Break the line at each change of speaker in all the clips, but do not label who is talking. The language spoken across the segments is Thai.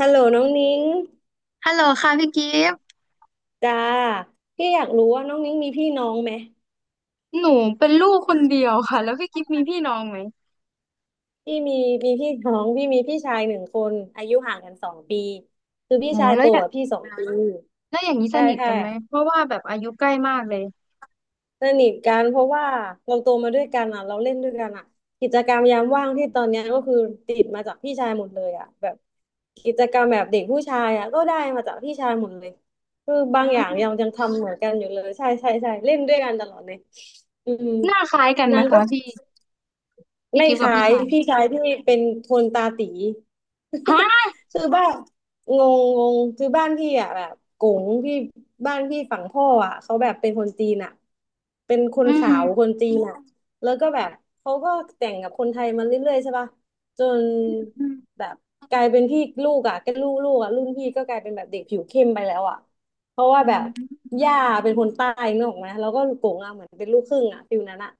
ฮัลโหลน้องนิ้ง
ฮัลโหลค่ะพี่กิฟต์
จ้าพี่อยากรู้ว่าน้องนิ้งมีพี่น้องไหม
หนูเป็นลูกคนเดียวค่ะแล้วพี่กิฟต์มีพี่น้องไหม
พี่มีมีพี่น้องพี่มีพี่ชายหนึ่งคนอายุห่างกันสองปีคือพี่
อ๋อ
ชายโตกว่าพี่สองปี
แล้วอย่างนี้ส
ใช่
นิท
ใช่
กันไหมเพราะว่าแบบอายุใกล้มากเลย
สนิทกันเพราะว่าเราโตมาด้วยกันอ่ะเราเล่นด้วยกันอ่ะกิจกรรมยามว่างที่ตอนเนี้ยก็คือติดมาจากพี่ชายหมดเลยอ่ะแบบกิจกรรมแบบเด็กผู้ชายอ่ะก็ได้มาจากพี่ชายหมดเลยคือบา
อื
งอย่างยังยั
ม
งทำเหมือนกันอยู่เลยใช่ใช่ใช่เล่นด้วยกันตลอดเลยอืม
หน้าคล้ายกันไห
นา
ม
งก็
คะพี่พี่
ไม่
กิฟต์กับ
ขา
พี่
ย
ชาย
พี่ชายพี่เป็นคนตาตี
ฮะ
คือบ้านงงงงคือบ้านพี่อ่ะแบบกงพี่บ้านพี่ฝั่งพ่ออ่ะเขาแบบเป็นคนจีนอ่ะเป็นค
อื
น
ม
ขาวคนจีนอ่ะแล้วก็แบบเขาก็แต่งกับคนไทยมาเรื่อยๆใช่ป่ะจน
อืม
แบบกลายเป็นพี่ลูกอ่ะก็ลูกอ่ะรุ่นพี่ก็กลายเป็นแบบเด็กผิวเข้มไปแล้วอ่ะเพราะว่า
อื
แบ
ม
บย่าเป็นคนใต้นึกออกไหมแล้วก็กงอ่ะเหมือนเป็นลูกครึ่งอ่ะฟิลนั้นอ่ะ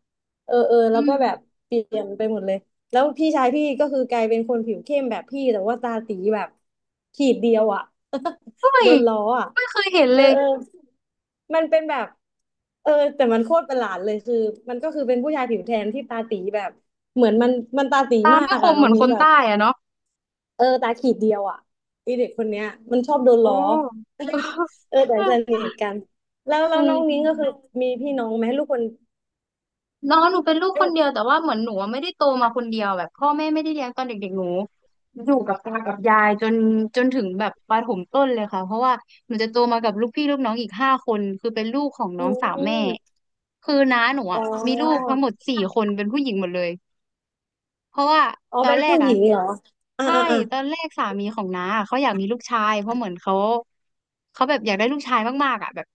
เออแล้
อื
วก็
ม
แบบเปลี่ยนไปหมดเลยแล้วพี่ชายพี่ก็คือกลายเป็นคนผิวเข้มแบบพี่แต่ว่าตาตีแบบขีดเดียวอ่ะ
เฮ้
โด
ย
นล้ออ่ะ
ไม่เคยเห็น
เอ
เล
อ
ย
เออมันเป็นแบบเออแต่มันโคตรประหลาดเลยคือมันก็คือเป็นผู้ชายผิวแทนที่ตาตีแบบเหมือนมันตาตี
ตา
มา
ไม่
ก
ค
อ่ะ
มเห
น้อ
มื
ง
อนค
มิ้ง
น
แบบ
ใต้อะเนาะ
เออตาขีดเดียวอ่ะไอเด็กคนเนี้ยมันชอบโดน
โอ้
ล้อ เออแต่สนิทกันแล้ว
เอ
แล้วน้องนิ้งก็คือ
อ
มีพี่น้องไหมลูกคน
น้องหนูเป็นลูกค
ลู
น
ก
เดียวแต่ว่าเหมือนหนูอะไม่ได้โตมาคนเดียวแบบพ่อแม่ไม่ได้เลี้ยงตอนเด็กๆหนูอยู่กับตากับยายจนถึงแบบประถมต้นเลยค่ะเพราะว่าหนูจะโตมากับลูกพี่ลูกน้องอีกห้าคนคือเป็นลูกของ
อื
น้องสาวแม่
ม
คือน้าหนู
อ๋อ
อ่ะมีลูกทั้งหมดสี่คนเป็นผู้หญิงหมดเลย เพราะว่า
อ๋อ
ตอ
เป็
น
น
แรก
ผู้ห
อ่ะ
ญิงเหรออ่า
ใช่
อ่าอ่า
ตอนแรกสามีของน้าอะเขาอยากมีลูกชายเพราะเหมือนเขาแบบอยากได้ลูกชายมากๆอ่ะแบบ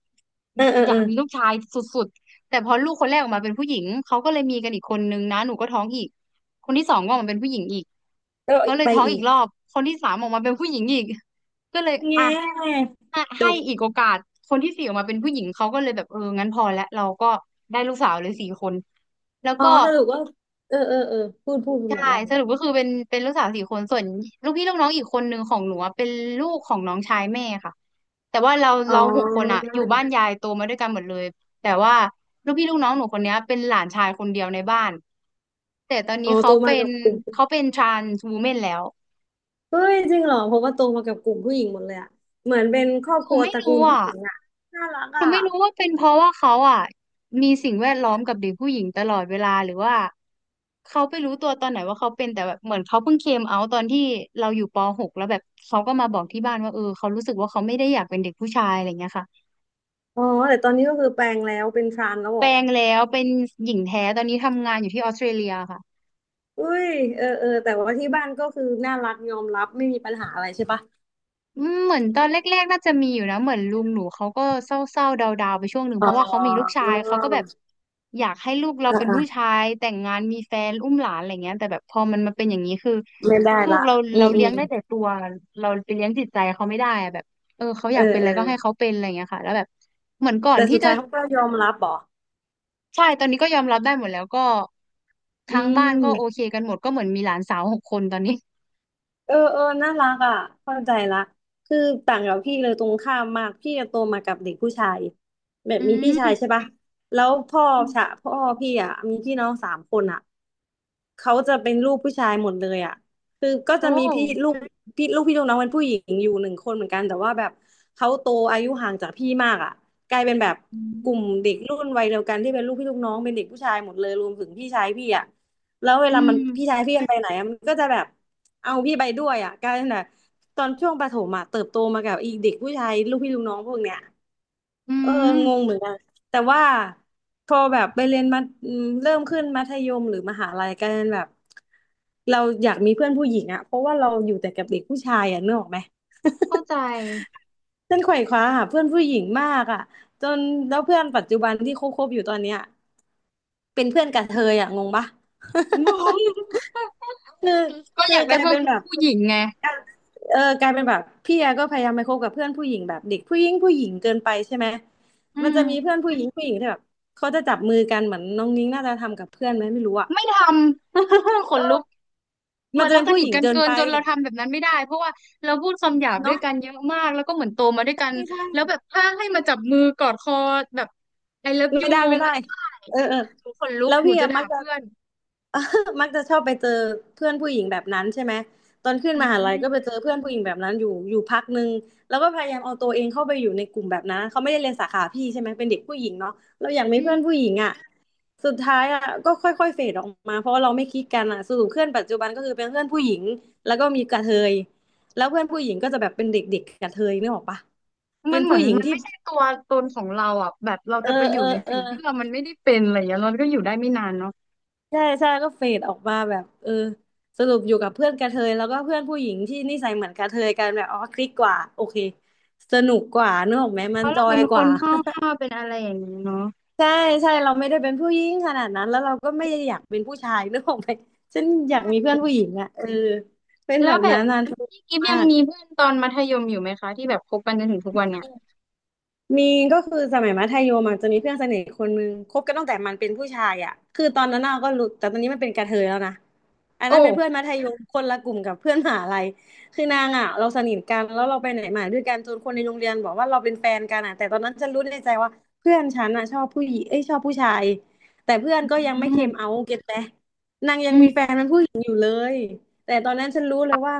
อ่าอ่า
อยาก
อ่า
มีลูกชายสุดๆแต่พอลูกคนแรกออกมาเป็นผู้หญิงเขาก็เลยมีกันอีกคนนึงนะหนูก็ท้องอีกคนที่สองก็ออกมาเป็นผู้หญิงอีก
แล้ว
เขาเลย
ไป
ท้อง
อี
อีก
ก
รอบคนที่สามออกมาเป็นผู้หญิงอีกก็เลยอ่ะ
แง่
ให้
จ
ให้
บ
อีกโอกาสคนที่สี่ออกมาเป็นผู้หญิงเขาก็เลยแบบเอองั้นพอแล้วเราก็ได้ลูกสาวเลยสี่คนแล้ว
อ๋อ
ก็
สรุปว่าเออเออเออพูด
ใช่
มาได้เล
ส
ย
รุปก็คือเป็นลูกสาวสี่คนส่วนลูกพี่ลูกน้องอีกคนหนึ่งของหนูอะเป็นลูกของน้องชายแม่ค่ะแต่ว่าเรา
อ๋อ
เราหกคนอะอยู่บ้านยายโตมาด้วยกันหมดเลยแต่ว่าลูกพี่ลูกน้องหนูคนเนี้ยเป็นหลานชายคนเดียวในบ้านแต่ตอน
อ๋
นี้
อ
เขา
โตมา
เป็
กั
น
บกลุ่ม
เขาเป็น t r า n s ์วูแมนแล้ว
เฮ้ยจริงเหรอเพราะว่าโตมากับกลุ่มผู้หญิงหมดเลยอะเหมือนเป็นครอบ
ห
ค
นู
รัว
ไม่
ตระกู
รู้
ลผู้
อะ
หญิงอะน่ารัก
หนู
อะ
ไม่รู้ว่าเป็นเพราะว่าเขาอ่ะมีสิ่งแวดล้อมกับเด็กผู้หญิงตลอดเวลาหรือว่าเขาไปรู้ตัวตอนไหนว่าเขาเป็นแต่แบบเหมือนเขาเพิ่งเคมเอาตอนที่เราอยู่ปหกแล้วแบบเขาก็มาบอกที่บ้านว่าเออเขารู้สึกว่าเขาไม่ได้อยากเป็นเด็กผู้ชายอะไรเงี้ยค่ะ
อ๋อแต่ตอนนี้ก็คือแปลงแล้วเป็นทรานแล้วเห
แป
ร
ล
อ
งแล้วเป็นหญิงแท้ตอนนี้ทำงานอยู่ที่ออสเตรเลียค่ะ
เฮ้ยเออแต่ว่าที่บ้านก็คือน่ารักยอมรับไม่มีปัญหาอะไรใช่ปะ
อืมเหมือนตอนแรกๆน่าจะมีอยู่นะเหมือนลุงหนูเขาก็เศร้าๆดาวๆไปช่วงหนึ่ง
อ๋
เพราะว่าเขามีลูก
อ
ชายเขาก็แบบอยากให้ลูกเรา
อ่า
เป็น
อ่า
ผู้ชายแต่งงานมีแฟนอุ้มหลานอะไรเงี้ยแต่แบบพอมันมาเป็นอย่างนี้คือ
ไม่ได้
ลูก
ละ
เรา
อื
เรา
มอื
เลี้ยง
ม
ได้แต่ตัวเราไปเลี้ยงจิตใจเขาไม่ได้อะแบบเออเขาอ
เอ
ยา
อ
กเป็นอะ
เอ
ไร
อ
ก็ให้เขาเป็นอะไรเงี้ยค่ะแล้วแบบเหมือนก่อน
แต่
ที่
สุด
จะ
ท้ายเขาก็ยอมรับเหรอ
ใช่ตอนนี้ก็ยอมรับได้หมดแล้วก็ทา
อื
งบ้าน
ม
ก็โอเคกันหมดก็เหมือนมีหลานสาวหกคนตอนนี้
เออน่ารักอ่ะเข้าใจละคือต่างกับพี่เลยตรงข้ามมากพี่จะโตมากับเด็กผู้ชายแบบ
อื
มีพี่
ม
ชายใช่ปะแล้วพ่อชะ พ่อพี่อ่ะมีพี่น้อง3 คนอ่ะเขาจะเป็นลูกผู้ชายหมดเลยอ่ะคือก็
โอ
จะมีพี่ลู
้
กพี่ลูกน้องเป็นผู้หญิงอยู่หนึ่งคนเหมือนกันแต่ว่าแบบเขาโตอายุห่างจากพี่มากอ่ะกลายเป็นแบบ
อื
กลุ่มเด็
ม
กรุ่นวัยเดียวกันที่เป็นลูกพี่ลูกน้องเป็นเด็กผู้ชายหมดเลยรวมถึงพี่ชายพี่อ่ะแล้วเว
อื
ลามัน
ม
พี่ชายพี่มันไปไหนอะมันก็จะแบบ เอาพี่ไปด้วยอ่ะกลายเป็นแบบตอนช่วงประถมอ่ะเติบโตมากับอีเด็กผู้ชายลูกพี่ลูกน้องพวกเนี้ย
อื
เออ
ม
งงเหมือนกันแต่ว่าพอแบบไปเรียนมาอืมเริ่มขึ้นมัธยมหรือมหาลัยกลายเป็นแบบเราอยากมีเพื่อนผู้หญิงอ่ะเพราะว่าเราอยู่แต่กับเด็กผู้ชายอ่ะนึกออกไหม
เข้าใจ
เส้ นไขว่คว้าหาเพื่อนผู้หญิงมากอ่ะจนแล้วเพื่อนปัจจุบันที่คบๆอยู่ตอนเนี้ยเป็นเพื่อนกระเทยอ่ะงงปะ
งง
คือ
ก็อยาก
ก
ได้
ลาย
เพื่อน
เป็นแบบ
ผู้หญิงไง
เออกลายเป็นแบบพี่แอก็พยายามไปคบกับเพื่อนผู้หญิงแบบเด็กผู้หญิงผู้หญิงเกินไปใช่ไหม
อื
มัน
ม
จะมีเพื่อนผู้หญิงผู้หญิงที่แบบเขาจะจับมือกันเหมือนน้องนิ้งน่าจะทำกับเพื่อนไหมไม่รู้อะ
ไม่ทำ ข
เอ
นลุก
อ
เห
มั
มื
น
อน
จะ
เรา
เป็น
ส
ผู้
นิ
ห
ท
ญิง
กัน
เกิน
เกิน
ไป
จนเราทำแบบนั้นไม่ได้เพราะว่าเราพูดคำหยาบด้วย
เนาะ
กันเยอะมากแล้วก็เหมือนโตมาด้วยกัน
ไม่ใช่
แล้วแบบถ้าให้มาจับมือกอดคอแบบ I love
ไม่
you
ได้ไม่ได้
ไม่ได้
เออ
หนูขนลุ
แล้
ก
ว
หนู
พี่
จะ
อะ
ด่า
มักจะ
เพื่อน
เออมักจะชอบไปเจอเพื่อนผู้หญิงแบบนั้นใช่ไหมตอนขึ้น
อื
มหาลัยก็ไปเจ
ม
อเพื่อนผู้หญิงแบบนั้นอยู่อยู่พักหนึ่ง แล้วก็พยายามเอาตัวเองเข้าไปอยู่ในกลุ่มแบบนั้นเขาไม่ได้เรียนสาขาพี่ใช่ไหมเป็นเด็กผู้หญิงเนาะเราอยากมี
อื
เพื่
ม
อนผู้หญิงอ่ะสุดท้ายอ่ะก็ค่อยๆเฟดออกมาเพราะว่าเราไม่คลิกกันอ่ะสรุปเพื่อนปัจจุบันก็คือเป็นเพื่อนผู้หญิงแล้วก็มีกระเทยแล้วเพื่อนผู้หญิงก็จะแบบเป็นเด็กๆกระเทยนึกออกปะเป็
มั
น
นเหมื
ผู้
อน
หญิง
มัน
ที่
ไม่ใช่ตัวตนของเราอ่ะแบบเรา
เออ
จะไปอ
เอ
ยู่
อ
ใน
เออ
สิ่งที่เรามันไม่ได้เป็นอะไรอย่างเงี้ยเราก็อยู่ได้ไม่นานเนาะ
ใช่ใช่ก็เฟดออกมาแบบสรุปอยู่กับเพื่อนกระเทยแล้วก็เพื่อนผู้หญิงที่นิสัยเหมือนกระเทยกันแบบอ๋อคลิกกว่าโอเคสนุกกว่านึกออกไหมมั
เพ
น
ราะ
จ
เรา
อ
เป็
ย
น
ก
ค
ว่า
นห้าวๆเป็นอะไรอย่างเงี้ยเนาะ
ใช่ใช่เราไม่ได้เป็นผู้หญิงขนาดนั้นแล้วเราก็ไม่ได้อยากเป็นผู้ชายนึกออกไหมฉัน
ใ
อยากมีเพื่อ
ช่
นผู้หญิงอ่ะเออเป็น
แล้
แบ
ว
บ
แบ
นั้
บ
นนาน
พี่กิฟ
มา
ยัง
ก
มีเพื่อนตอนมัธยมอยู่ไหมคะที่แบบคบกันจนถึงทุกวันเนี่ย
มีก็คือสมัยมัธยมอะจะมีเพื่อนสนิทคนนึงคบกันตั้งแต่มันเป็นผู้ชายอ่ะคือตอนนั้นเราก็รู้แต่ตอนนี้มันเป็นกระเทยแล้วนะอัน
โอ้
นั้นเป็นเพื่อนมัธยมคนละกลุ่มกับเพื่อนมหาลัยคือนางอ่ะเราสนิทกันแล้วเราไปไหนมาด้วยกันจนคนในโรงเรียนบอกว่าเราเป็นแฟนกันอ่ะแต่ตอนนั้นฉันรู้ในใจว่าเพื่อนฉันอ่ะชอบผู้หญิงเอ้ยชอบผู้ชายแต่เพื่อ
อ
นก็ยัง
ื
ไม่เค
ม
มเอาเก็ตไหมนางยัง
อื
มีแฟ
ม
นเป็นผู้หญิงอยู่เลย แต่ตอนนั้นฉันรู้เลยว่า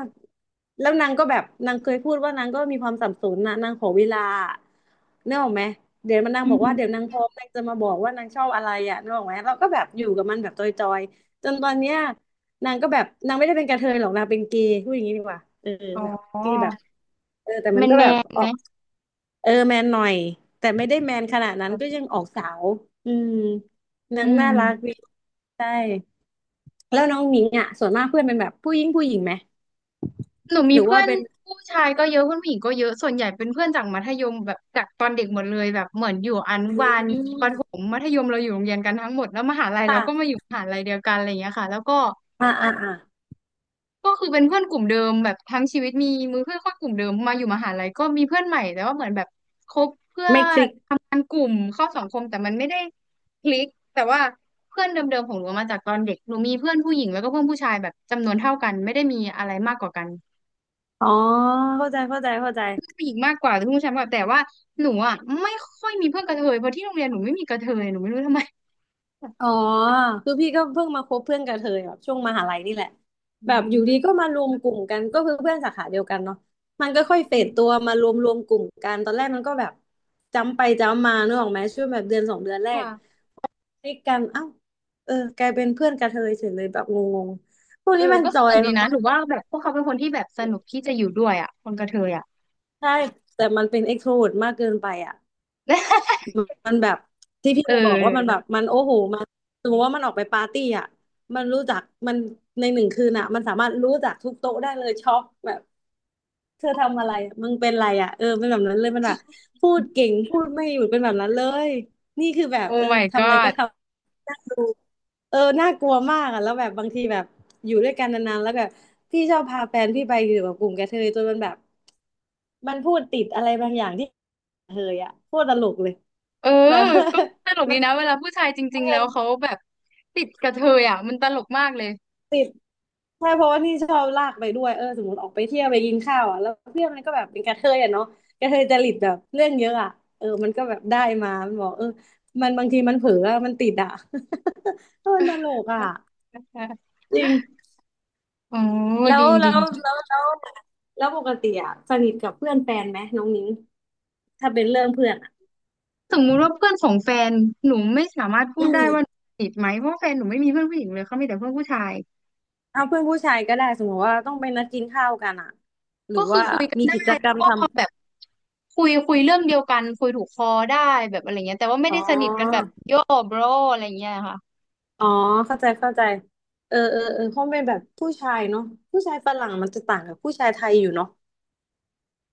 แล้วนางก็แบบนางเคยพูดว่านางก็มีความสับสนนะนางขอเวลาเนกออกไหมเดี๋ยวมันนาง
อื
บอกว่า
ม
เดี๋ยวนางพร้อมนางจะมาบอกว่านางชอบอะไรอ่ะเนกออกไหมเราก็แบบอยู่กับมันแบบจอยๆจนตอนเนี้ยนางก็แบบนางไม่ได้เป็นกระเทยหรอกนางเป็นเกย์พูดอย่างนี้ดีกว่าเออ
อ๋อ
แบบเกย์แบบเออแต่
แม
มัน
น
ก็
แม
แบบ
น
อ
ไห
อ
ม
กเออแมนหน่อยแต่ไม่ได้แมนขนาดนั้น
แบ
ก็ยั
บ
งออกสาวอืมนา
อื
งน่า
ม
รักดีใช่แล้วน้องหญิงอ่ะส่วนมากเพื่อนเป็นแบบผู้หญิงผู้หญิงไหม
หนู
ห
มี
รือ
เพื่
ว่า
อน
เป็น
ผู้ชายก็เยอะเพื่อนผู้หญิงก็เยอะส่วนใหญ่เป็นเพื่อนจากมัธยมแบบจากตอนเด็กหมดเลยแบบเหมือนอยู่อนุบาล
อื
ประถ
ม
มมัธยมเราอยู่โรงเรียนกันทั้งหมดแล้วมหาลัยเราก็มาอ
ค่ะ
ยู่มหาลัยเดียวกันอะไรอย่างเงี้ยค่ะแล้วก็
อ่าอ่าอ่า
ก็คือเป็นเพื่อนกลุ่มเดิมแบบทั้งชีวิตมีมือเพื่อนค่กลุ่มเดิมมาอยู่มหาลัยก็มีเพื่อนใหม่แต่ว่าเหมือนแบบคบเพื่อ
ไม่คลิก
ทำงานกลุ่มเข้าสังคมแต่มันไม่ได้คลิกแต่ว่าเพื่อนเดิมๆของหนูมาจากตอนเด็กหนูมีเพื่อนผู้หญิงแล้วก็เพื่อนผู้ชายแบบจำนวนเท่ากันไม่ได้มีอะไรมากกว่ากัน
อ๋อเข้าใจเข้าใจเข้าใจ
เพื่อนผู้หญิงมากกว่าแต่เพื่อนผู้ชายมากกว่าแต่ว่าหนูอ่ะไม่ค่อยมีเพื่อนกระเทยเพราะที่โรงเรียนหนูไม่มีกระเทยหนูไม่รู้ทำไม
อ๋อคือพี่ก็เพิ่งมาคบเพื่อนกับเธอแบบช่วงมหาลัยนี่แหละ
อื
แบบอยู่ดีก็
ม
มารวมกลุ่มกันก็คือเพื่อนสาขาเดียวกันเนาะมันก็ค่อยเฟดตัวมารวมกลุ่มกันตอนแรกมันก็แบบจำไปจำมานึกออกไหมช่วงแบบเดือนสองเดือนแรก
ค่ะ
คลิกกันเอ้าเออกลายเป็นเพื่อนกับเธอเฉยเลยแบบงงๆพวก
เออ
นี้มัน
ก็
จ
ส
อ
นุ
ย
กดีนะหนู
เนาะ
ว่าแบบพวกเขาเป็นคนที่แบบสนุกที่จะอยู่ด้วยอ่ะคนกระเทยอ่ะ
ใช่แต่มันเป็นเอ็กโทรเวิร์มากเกินไปอ่ะ มันแบบที่พี่
เ
เคยบอกว่ามันแบ
ออ
บมันโอ้โหมันสมมติว่ามันออกไปปาร์ตี้อ่ะมันรู้จักมันในหนึ่งคืนอ่ะมันสามารถรู้จักทุกโต๊ะได้เลยช็อกแบบเธอทำอะไรอะมึงเป็นอะไรอ่ะเออเป็นแบบนั้นเลยมันแบบพูดเก่งพูดไม่หยุดเป็นแบบนั้นเลยนี่คือแบบ
โอ้
เออ
my
ทำอะไรก็
god
ทำดู เออน่ากลัวมากอ่ะแล้วแบบบางทีแบบอยู่ด้วยกันนานๆแล้วแบบพี่ชอบพาแฟนพี่ไปอยู่กับกลุ่มกระเทยจนมันแบบมันพูดติดอะไรบางอย่างที่กระเทยอ่ะโคตรตลกเลย
เออ
แบบ
ก็ตลก
มั
ดี
นกร
นะเวลาผู้ชายจริ
ะ
ง
เท
ๆแล้
ย
วเขาแบบติดกระเทยอ่ะมันตลกมากเลย
ติดใช่เพราะว่านี่ชอบลากไปด้วยเออสมมติออกไปเที่ยวไปกินข้าวอ่ะแล้วเพื่อนมันก็แบบเป็นกระเทยอ่ะเนาะกระเทยจริตแบบเรื่องเยอะอ่ะเออมันก็แบบได้มามันบอกเออมันบางทีมันเผลออะมันติดอ่ะ เออมันตลกอ่ะ จริง
โอ้
แล้
ดี
วแล้
ดี
ว
ดี
แล้วแล้วแล้วปกติอะสนิทกับเพื่อนแฟนไหมน้องนิ้งถ้าเป็นเรื่องเพื่อนอะ
สมมุติว่าเพื่อนของแฟนหนูไม่สามารถพู
อื
ดได้
ม
ว่าหนูติดไหมเพราะว่าแฟนหนูไม่มีเพื่อนผู้หญิงเลยเขามีแต่เพื่อนผู้ชาย
เอาเพื่อนผู้ชายก็ได้สมมติว่าต้องไปนัดกินข้าวกันอะหรือว่ามี
ใช่
กิจก
แล้
ร
ว
รม
ก็
ท
แบบคุยเรื่องเดียวกันคุยถูกคอได้แบบอะไรเงี้ยแต่ว่าไม่
ำอ๋
ได้สนิทกันแบ
อ
บโย่ bro อะไรเงี้ยค่ะ
อ๋อเข้าใจเข้าใจเออเออเออคงเป็นแบบผู้ชายเนาะผู้ชายฝรั่งมันจะต่างกับผู้ชายไทยอยู่เนาะ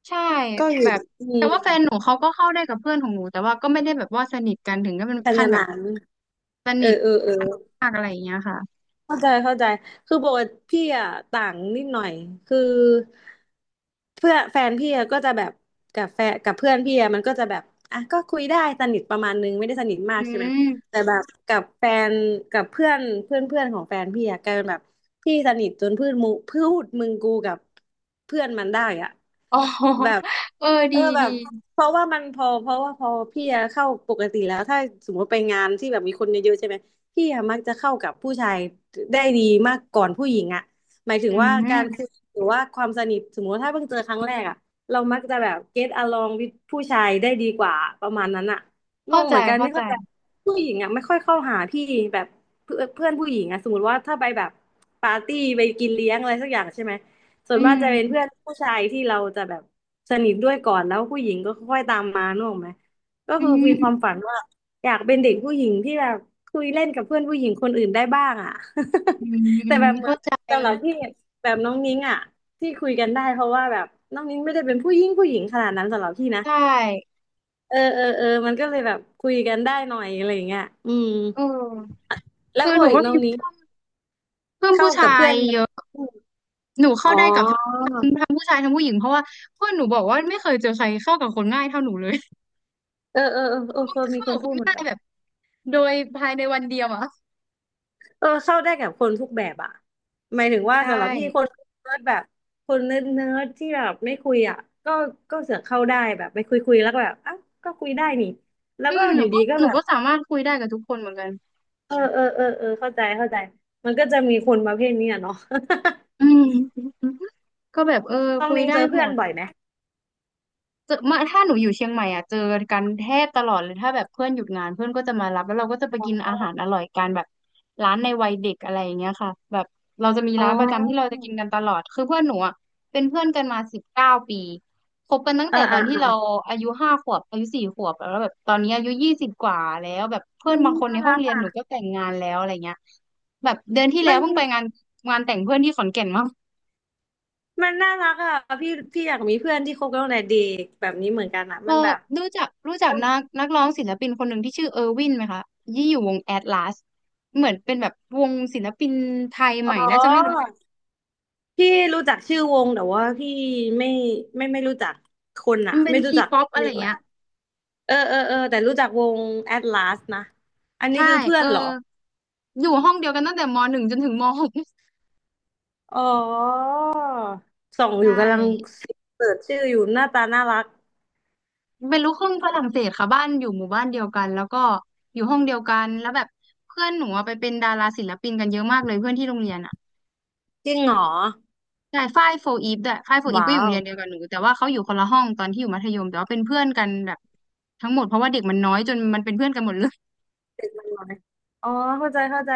ใช่
ก็อ
แบ
ยู่
บ
อื
แต่
ม
ว่าแฟนหนูเขาก็เข้าได้กับเพื่อนของหนูแต่ว่าก็ไม่ได้แบบว่าสนิทกันถึงก็เป็น
ข
ขั้
นา
น
ด
แบบ
นั้น
ส
เอ
นิ
อ
ท
เออเออ
กันมากอะไรอย่างเงี้ยค่ะ
เข้าใจเข้าใจคือปกติพี่อ่ะต่างนิดหน่อยคือเพื่อนแฟนพี่อะก็จะแบบกับแฟนกับเพื่อนพี่อะมันก็จะแบบอ่ะก็คุยได้สนิทประมาณนึงไม่ได้สนิทมาก
อื
ใช่ไหม
ม
แต่ แบบกับแฟนกับเพื่อนเพื่อนเพื่อนของแฟนพี่อะกลายเป็นแบบพี่สนิทจนพูดมูพูดมึงกูกับเพื่อนมันได้อะ
อ๋อ
แบบ
เออ
เอ
ดี
อแบ
ดี
บเพราะว่ามันพอเพราะว่าพอพี่อะเข้าปกติแล้วถ้าสมมติไปงานที่แบบมีคนเยอะๆใช่ไหม พี่อะมักจะเข้ากับผู้ชายได้ดีมากก่อนผู้หญิงอะหมายถึ
อื
งว่าการคุย
ม
หรือว่าความสนิทสมมติว่าถ้าเพิ่งเจอครั้งแรกอะเรามักจะแบบ get along with ผู้ชายได้ดีกว่าประมาณนั้นอะง
เข้า
ง
ใจ
เหมือนกัน
เข้า
ไม่
ใจ
เข้าใจผู้หญิงอะไม่ค่อยเข้าหาพี่แบบเพื่อนเพื่อนผู้หญิงอะสมมติว่าถ้าไปแบบปาร์ตี้ไปกินเลี้ยงอะไรสักอย่างใช่ไหมส่ว
อื
นมากจะเป็นเพื่อ
ม
นผู้ชายที่เราจะแบบสนิทด้วยก่อนแล้วผู้หญิงก็ค่อยตามมานึกออกไหม ก็
อื
คือมีความ
ม
ฝันว่าอยากเป็นเด็กผู้หญิงที่แบบคุยเล่นกับเพื่อนผู้หญิงคนอื่นได้บ้างอ่ะ
อืม อื
แต่
ม
แบบเหมือ
เข้า
น
ใจ
สำหรับพี่แบบน้องนิ้งอ่ะที่คุยกันได้เพราะว่าแบบน้องนิ้งไม่ได้เป็นผู้หญิงผู้หญิงขนาดนั้นสำหรับพี่นะ
ใช่
เออเออเออมันก็เลยแบบคุยกันได้หน่อยอะไรอย่างเงี้ยอืม
เออ
แล้ว
คือ
ป
ห
ก
นู
ติ
ก็
น้
มี
องนิ้ง
เพื่อนเพื่อน
เข้า
ผู้ชา
กับเพื่
ย
อน
เยอะ
อม
หนูเข้า
อ๋อ
ได้กับทั้งผู้ชายทั้งผู้หญิงเพราะว่าเพื่อนหนูบอกว่าไม่เคยเจอใครเข้ากับคนง่ายเท่าหนูเลย
เออเออเออเออเคย มี
เข้า
ค
กั
น
บค
พูด
น
เหมือน
ง่าย
กัน
แบบโดยภายในวันเดียวอะ
เออเข้าได้กับคนทุกแบบอ่ะหมายถึงว่า
ใช
สำหรับพี่คน
่
เนิร์ดแบบคนเนิร์ดที่แบบไม่คุยอ่ะก็ก็เสือกเข้าได้แบบไปคุยแล้วก็แบบอ่ะก็คุยได้นี่แล้ว
อื
ก็
มห
อ
นู
ยู่
ก็
ดีก็
หนู
แบบ
ก็สามารถคุยได้กับทุกคนเหมือนกัน
เออเออเออเออเข้าใจเข้าใจมันก็จะมีคนประเภทนี้อะเนาะ
อืมก็แบบเออ
ต้อง
คุย
นิ้ง
ได้
เจอ
ห
เพื่
ม
อน
ด
บ่อยไหม
เจอมาถ้าหนูอยู่เชียงใหม่อ่ะเจอกันแทบตลอดเลยถ้าแบบเพื่อนหยุดงานเพื่อนก็จะมารับแล้วเราก็จะไปกินอาหารอร่อยกันแบบร้านในวัยเด็กอะไรอย่างเงี้ยค่ะแบบเราจะมี
อ๋
ร้านประจำที่เรา
อ
จะกินกันตลอดคือเพื่อนหนูอ่ะเป็นเพื่อนกันมา19 ปีคบกันตั้ง
เออ
แต่ตอ
อ่ะ
นที่เรา
อ่ะ
อายุ5 ขวบอายุ4 ขวบแล้วแบบตอนนี้อายุ20กว่าแล้วแบบเพื่อ
มั
น
น
บางคน
น่า
ในห้อ
รั
ง
ก
เรียนหนู
อะ
ก็แต่งงานแล้วอะไรเงี้ยแบบเดือนที่แล้
มั
ว
น
เพิ่งไปงานแต่งเพื่อนที่ขอนแก่นมา
มันน่ารักอ่ะพี่อยากมีเพื่อนที่คบกันตั้งแต่เด็กแบบนี้เหมือนกันอ่ะ
เออ
มันแบบ
รู้จักรู้จัก
มัน
นักนักร้องศิลปินคนหนึ่งที่ชื่อเออร์วินไหมคะยี่อยู่วงแอตลาสเหมือนเป็นแบบวงศิลปินไทยใหม่
อ๋
น่าจะไม่รู้
อ
จัก
พี่รู้จักชื่อวงแต่ว่าพี่ไม่ไม่รู้จักคนอะ
มันเป็น
ไม่รู้
ที
จัก
ป๊อปอะ
เรี
ไร
ยกอะไร
เงี้ย
เออเออเออแต่รู้จักวง Atlas นะอันนี้
ใช่
คือเพื่อ
เอ
น
อ
เหรอ
อยู่ห้องเดียวกันตั้งแต่ม.1จนถึงม.6
อ๋อส่องอ
ใช่
ยู่กำลังเสิร์ชชื่ออยู่หน้าตาน่ารัก
เป็นลูกครึ่งฝรั่งเศสค่ะบ้านอยู่หมู่บ้านเดียวกันแล้วก็อยู่ห้องเดียวกันแล้วแบบเพื่อนหนูอะไปเป็นดาราศิลปินกันเยอะมากเลยเพื่อนที่โรงเรียนอะ
จริงเหรอ
ใช่ฝ้ายโฟอีฟด้วยฝ้ายโฟอีฟก็
ว้า
อยู่โรง
ว
เรียนเดียวกับหนูแต่ว่าเขาอยู่คนละห้องตอนที่อยู่มัธยมแต่ว่าเป็นเพื่อนกันแบบทั้งหมดเพราะว่าเด็กมันน้อยจนมันเป็นเพื่อนกันหมดเลย
เด็กมันน้อยอ๋อเข้าใจเข้าใจ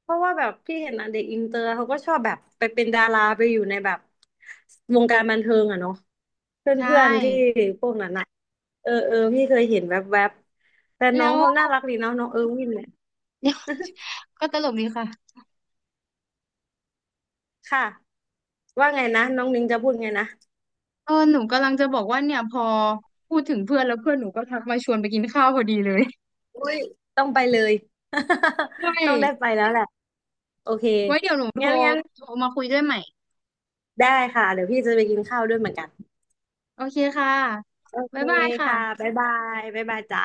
เพราะว่าแบบพี่เห็นอ่ะเด็กอินเตอร์เขาก็ชอบแบบไปเป็นดาราไปอยู่ในแบบวงการบันเทิงอ่ะเนาะเพ
ใช่
ื่อนๆที่พวกนั้นอ่ะเออเออพี่เคยเห็นแวบๆบแต่น้อ
แล้
ง
ว
เขาน่ารักดีเนาะน้องเออร์วินเนี่ย
เดี๋ยวก็ตลกดีค่ะ
ค่ะว่าไงนะน้องนิ้งจะพูดไงนะ
เออหนูกำลังจะบอกว่าเนี่ยพอพูดถึงเพื่อนแล้วเพื่อนหนูก็ทักมาชวนไปกินข้าวพอดีเลย
อุ้ยต้องไปเลย
ด้ว ย
ต้องได้ไปแล้วแหละโอเค
ไว้เดี๋ยวหนูโทร
งั้นงั้น
โทรมาคุยด้วยใหม่
ได้ค่ะเดี๋ยวพี่จะไปกินข้าวด้วยเหมือนกัน
โอเคค่ะ
โอเค
บ๊ายบายค่ะ
ค่ะบ๊ายบายบ๊ายบายจ้า